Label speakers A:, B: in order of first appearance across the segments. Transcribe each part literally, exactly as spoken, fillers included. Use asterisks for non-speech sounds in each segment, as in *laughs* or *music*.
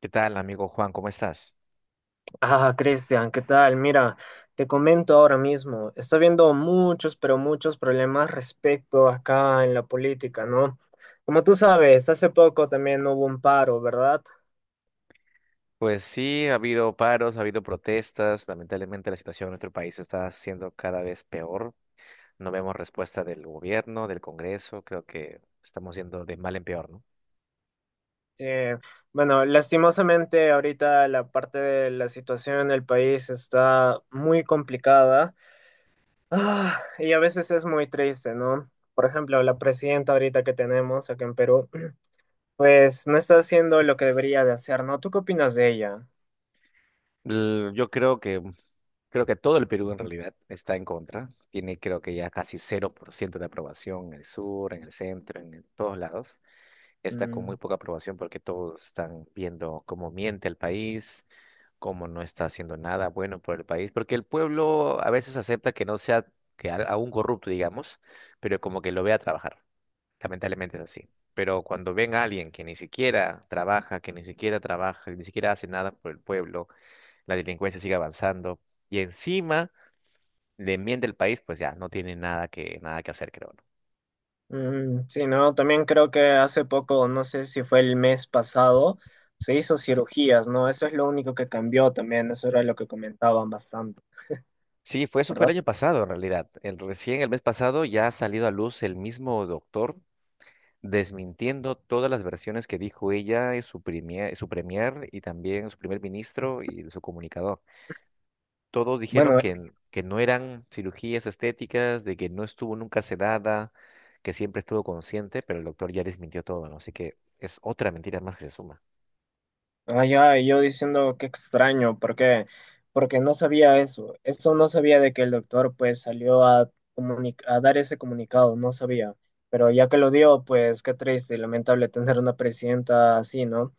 A: ¿Qué tal, amigo Juan? ¿Cómo estás?
B: Ah, Cristian, ¿qué tal? Mira, te comento ahora mismo, está habiendo muchos, pero muchos problemas respecto acá en la política, ¿no? Como tú sabes, hace poco también hubo un paro, ¿verdad?
A: Pues sí, ha habido paros, ha habido protestas. Lamentablemente la situación en nuestro país está siendo cada vez peor. No vemos respuesta del gobierno, del Congreso. Creo que estamos yendo de mal en peor, ¿no?
B: Eh, bueno, lastimosamente ahorita la parte de la situación en el país está muy complicada. Ah, y a veces es muy triste, ¿no? Por ejemplo, la presidenta ahorita que tenemos acá en Perú, *clears throat* pues no está haciendo lo que debería de hacer, ¿no? ¿Tú qué opinas de ella?
A: L- Yo creo que, creo que todo el Perú en realidad está en contra. Tiene creo que ya casi cero por ciento de aprobación en el sur, en el centro, en todos lados. Está con muy
B: Mm.
A: poca aprobación porque todos están viendo cómo miente el país, cómo no está haciendo nada bueno por el país, porque el pueblo a veces acepta que no sea que a- aún corrupto, digamos, pero como que lo vea trabajar. Lamentablemente es así. Pero cuando ven a alguien que ni siquiera trabaja, que ni siquiera trabaja, que ni siquiera hace nada por el pueblo, la delincuencia sigue avanzando y encima le miente el país, pues ya no tiene nada que nada que hacer, creo.
B: Mm, sí, no, también creo que hace poco, no sé si fue el mes pasado, se hizo cirugías, ¿no? Eso es lo único que cambió también, eso era lo que comentaban bastante,
A: Sí, fue eso fue el
B: ¿verdad?
A: año pasado en realidad. El, recién el mes pasado ya ha salido a luz el mismo doctor desmintiendo todas las versiones que dijo ella y su premier, su premier y también su primer ministro y su comunicador. Todos dijeron
B: Bueno,
A: que, que no eran cirugías estéticas, de que no estuvo nunca sedada, que siempre estuvo consciente, pero el doctor ya desmintió todo, ¿no? Así que es otra mentira más que se suma.
B: ay, ay, yo diciendo qué extraño, ¿por qué? Porque no sabía eso. Eso no sabía de que el doctor pues salió a, comuni- a dar ese comunicado, no sabía. Pero ya que lo dio, pues qué triste y lamentable tener una presidenta así, ¿no?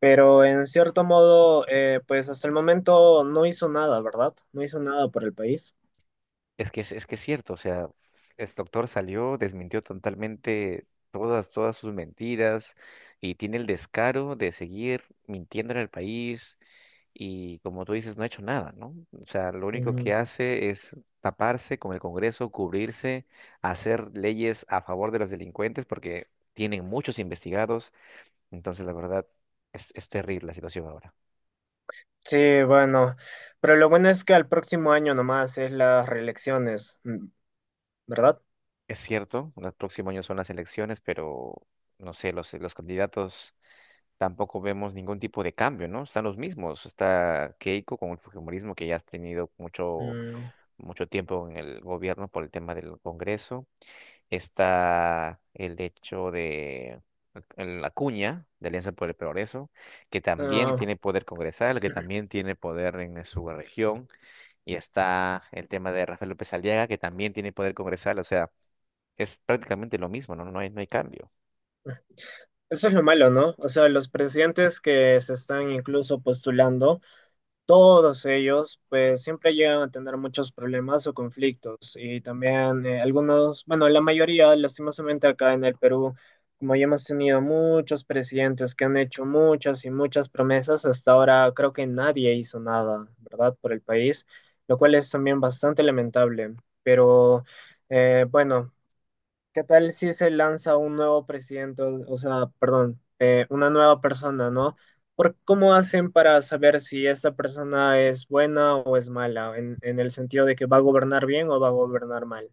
B: Pero en cierto modo, eh, pues hasta el momento no hizo nada, ¿verdad? No hizo nada por el país.
A: Es que es, es que es cierto, o sea, este doctor salió, desmintió totalmente todas, todas sus mentiras y tiene el descaro de seguir mintiendo en el país y como tú dices, no ha hecho nada, ¿no? O sea, lo único
B: Mm,
A: que hace es taparse con el Congreso, cubrirse, hacer leyes a favor de los delincuentes porque tienen muchos investigados, entonces la verdad es, es terrible la situación ahora.
B: sí, bueno. Pero lo bueno es que al próximo año nomás es las reelecciones, mm, ¿verdad?
A: Es cierto, el próximo año son las elecciones, pero no sé, los, los candidatos tampoco vemos ningún tipo de cambio, ¿no? Están los mismos. Está Keiko con el fujimorismo que ya has tenido mucho,
B: Mm,
A: mucho tiempo en el gobierno por el tema del Congreso. Está el hecho de el- la cuña de Alianza por el Progreso, que también
B: ah,
A: tiene poder congresal, que también tiene poder en su región. Y está el tema de Rafael López Aliaga, que también tiene poder congresal. O sea, es prácticamente lo mismo, ¿no? No hay, no hay cambio.
B: eso es lo malo, ¿no? O sea, los presidentes que se están incluso postulando, todos ellos, pues siempre llegan a tener muchos problemas o conflictos. Y también eh, algunos, bueno, la mayoría, lastimosamente acá en el Perú, como ya hemos tenido muchos presidentes que han hecho muchas y muchas promesas, hasta ahora creo que nadie hizo nada, ¿verdad? Por el país, lo cual es también bastante lamentable. Pero eh, bueno. ¿Qué tal si se lanza un nuevo presidente, o o sea, perdón, eh, una nueva persona, ¿no? ¿Por cómo hacen para saber si esta persona es buena o es mala, en, en el sentido de que va a gobernar bien o va a gobernar mal?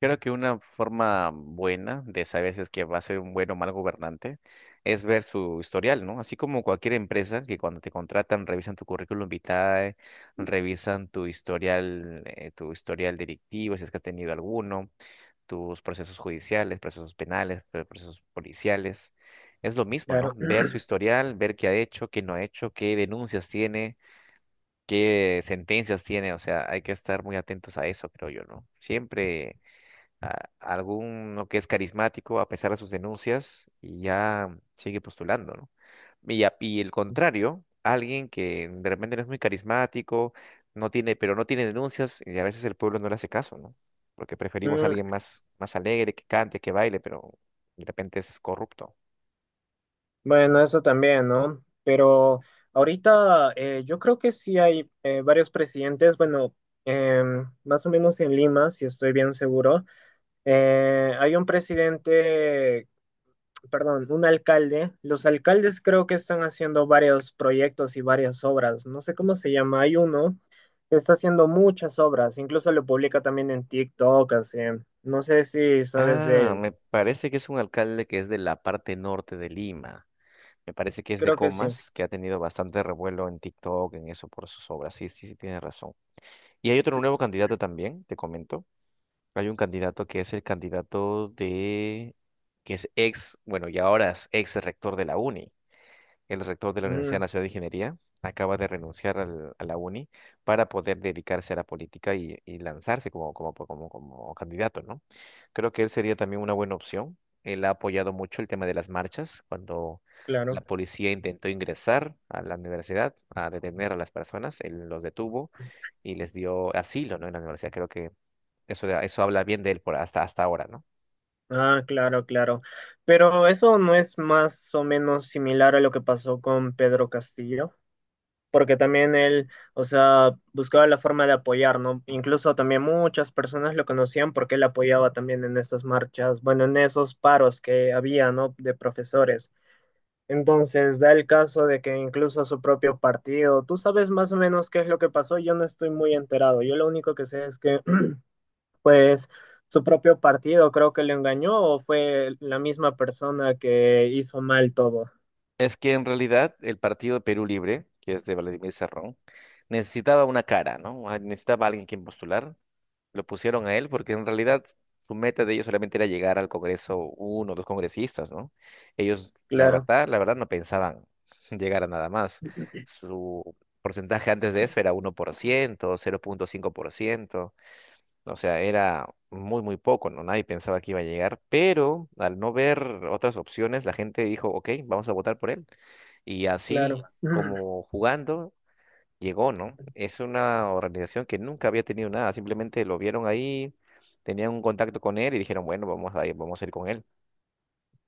A: Creo que una forma buena de saber si es que va a ser un buen o mal gobernante es ver su historial, ¿no? Así como cualquier empresa que cuando te contratan revisan tu currículum vitae, revisan tu historial, eh, tu historial delictivo, si es que has tenido alguno, tus procesos judiciales, procesos penales, pro- procesos policiales. Es lo mismo, ¿no?
B: Claro.
A: Ver
B: *clears throat*
A: su historial, ver qué ha hecho, qué no ha hecho, qué denuncias tiene, qué sentencias tiene. O sea, hay que estar muy atentos a eso, creo yo, ¿no? Siempre a- alguno que es carismático a pesar de sus denuncias y ya sigue postulando, ¿no? Y, a- y el contrario, alguien que de repente no es muy carismático, no tiene, pero no tiene denuncias y a veces el pueblo no le hace caso, ¿no? Porque preferimos a
B: Mm,
A: alguien más, más alegre, que cante, que baile, pero de repente es corrupto.
B: bueno, eso también, ¿no? Pero ahorita eh, yo creo que sí hay eh, varios presidentes, bueno, em, más o menos en Lima, si estoy bien seguro. Eh, hay un presidente, perdón, un alcalde. Los alcaldes creo que están haciendo varios proyectos y varias obras. No sé cómo se llama. Hay uno que está haciendo muchas obras. Incluso lo publica también en TikTok, así. No sé si sabes de
A: Ah,
B: él.
A: me parece que es un alcalde que es de la parte norte de Lima. Me parece que es de
B: Creo que sí.
A: Comas, que ha tenido bastante revuelo en TikTok, en eso, por sus obras. Sí, sí, sí, tiene razón. Y hay otro nuevo candidato también, te comento. Hay un candidato que es el candidato de, que es ex, bueno, y ahora es ex rector de la UNI. El rector de la Universidad
B: Mm,
A: Nacional de Ingeniería acaba de renunciar al- a la uni para poder dedicarse a la política y, y lanzarse como, como, como, como candidato, ¿no? Creo que él sería también una buena opción. Él ha apoyado mucho el tema de las marchas cuando la
B: claro.
A: policía intentó ingresar a la universidad a detener a las personas. Él los detuvo y les dio asilo, ¿no? En la universidad. Creo que eso, eso habla bien de él por hasta, hasta ahora, ¿no?
B: Ah, claro, claro. Pero eso no es más o menos similar a lo que pasó con Pedro Castillo. Porque también él, o sea, buscaba la forma de apoyar, ¿no? Incluso también muchas personas lo conocían porque él apoyaba también en esas marchas, bueno, en esos paros que había, ¿no? De profesores. Entonces, da el caso de que incluso su propio partido, tú sabes más o menos qué es lo que pasó, yo no estoy muy enterado, yo lo único que sé es que, *clears throat* pues, su propio partido creo que le engañó o fue la misma persona que hizo mal todo.
A: Es que en realidad el partido de Perú Libre, que es de Vladimir Cerrón, necesitaba una cara, ¿no? Ah, necesitaba alguien quien postular. Lo pusieron a él porque en realidad su meta de ellos solamente era llegar al Congreso uno o dos congresistas, ¿no? Ellos, la
B: Claro,
A: verdad, la verdad no pensaban *laughs* llegar a nada más. Su porcentaje antes de eso era uno por ciento, cero punto cinco por ciento. O sea, era muy, muy poco, ¿no? Nadie pensaba que iba a llegar, pero al no ver otras opciones, la gente dijo, ok, vamos a votar por él. Y así
B: claro. *clears throat*
A: como jugando, llegó, ¿no? Es una organización que nunca había tenido nada, simplemente lo vieron ahí, tenían un contacto con él y dijeron, bueno, vamos a ir, vamos a ir con él.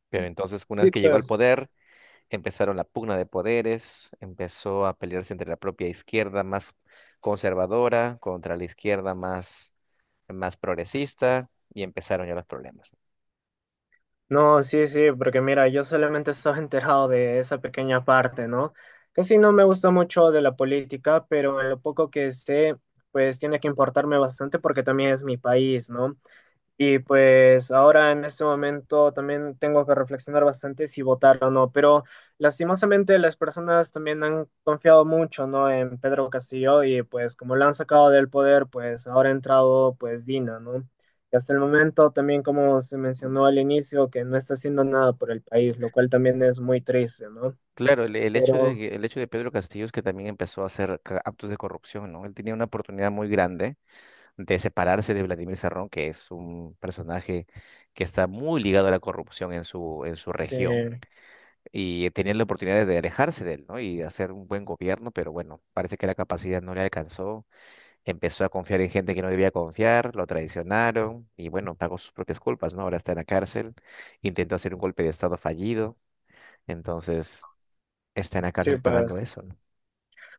A: Pero entonces, una vez
B: Sí,
A: que llegó al
B: pues.
A: poder, empezaron la pugna de poderes, empezó a pelearse entre la propia izquierda más conservadora contra la izquierda más, más progresista y empezaron ya los problemas.
B: No, sí, sí, porque mira, yo solamente estaba *laughs* enterado de esa pequeña parte, ¿no? Casi no me gusta mucho de la política, pero en lo poco que sé, pues tiene que importarme bastante porque también es mi país, ¿no? Y pues ahora en este momento también tengo que reflexionar bastante si votar o no, pero lastimosamente las personas también han confiado mucho, ¿no? En Pedro Castillo, y pues como lo han sacado del poder, pues ahora ha entrado pues Dina, ¿no? Y hasta el momento también como se mencionó al inicio que no está haciendo nada por el país, lo cual también es muy triste, ¿no?
A: Claro, el, el hecho de,
B: Pero
A: que- el hecho de Pedro Castillo es que también empezó a hacer ca- actos de corrupción, ¿no? Él tenía una oportunidad muy grande de separarse de Vladimir Serrón, que es un personaje que está muy ligado a la corrupción en su, en su
B: sí,
A: región, y tenían la oportunidad de alejarse de él, ¿no? Y de hacer un buen gobierno, pero bueno, parece que la capacidad no le alcanzó, empezó a confiar en gente que no debía confiar, lo traicionaron, y bueno, pagó sus propias culpas, ¿no? Ahora está en la cárcel, intentó hacer un golpe de estado fallido, entonces está en la
B: sí,
A: cárcel pagando
B: pues
A: eso, ¿no?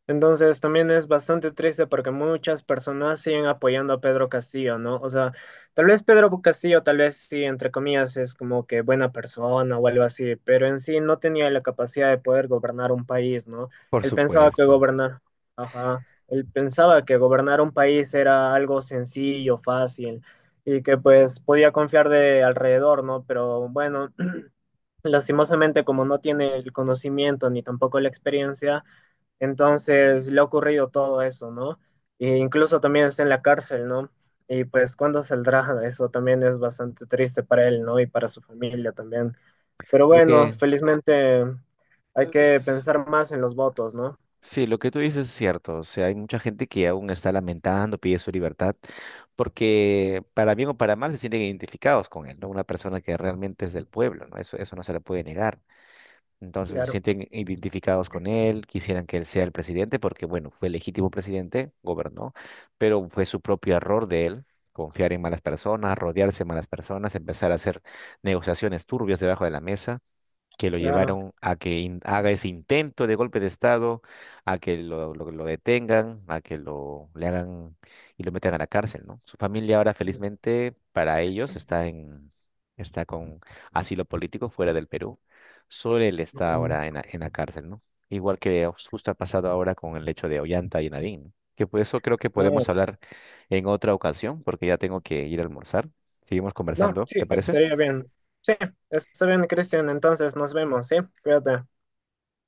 B: entonces también es bastante triste porque muchas personas siguen apoyando a Pedro Castillo, ¿no? O sea, tal vez Pedro Castillo, tal vez sí, entre comillas, es como que buena persona o algo así, pero en sí no tenía la capacidad de poder gobernar un país, ¿no?
A: Por
B: Él pensaba que
A: supuesto.
B: gobernar, ajá, él pensaba que gobernar un país era algo sencillo, fácil, y que pues podía confiar de alrededor, ¿no? Pero bueno, *clears throat* lastimosamente como no tiene el conocimiento ni tampoco la experiencia, entonces le ha ocurrido todo eso, ¿no? E incluso también está en la cárcel, ¿no? Y pues cuándo saldrá, eso también es bastante triste para él, ¿no? Y para su familia también. Pero
A: Lo
B: bueno,
A: que
B: felizmente hay
A: eh,
B: que
A: s-
B: pensar más en los votos, ¿no?
A: sí, lo que tú dices es cierto. O sea, hay mucha gente que aún está lamentando, pide su libertad, porque para bien o para mal se sienten identificados con él, ¿no? Una persona que realmente es del pueblo, ¿no? Eso, eso no se le puede negar. Entonces se
B: Claro,
A: sienten identificados con él, quisieran que él sea el presidente, porque bueno, fue legítimo presidente, gobernó, pero fue su propio error de él. Confiar en malas personas, rodearse de malas personas, empezar a hacer negociaciones turbias debajo de la mesa que lo
B: claro.
A: llevaron a que in- haga ese intento de golpe de Estado, a que lo, lo- lo detengan, a que lo le hagan y lo metan a la cárcel, ¿no? Su familia ahora, felizmente, para ellos está en está con asilo político fuera del Perú. Solo él está
B: Mm,
A: ahora en la, en la cárcel, ¿no? Igual que justo ha pasado ahora con el hecho de Ollanta y Nadine, ¿no? Que por eso creo que
B: no,
A: podemos hablar en otra ocasión, porque ya tengo que ir a almorzar. Seguimos
B: no,
A: conversando,
B: sí,
A: ¿te parece?
B: estaría bien. Sí, está bien, Cristian. Entonces nos vemos, ¿sí? Cuídate.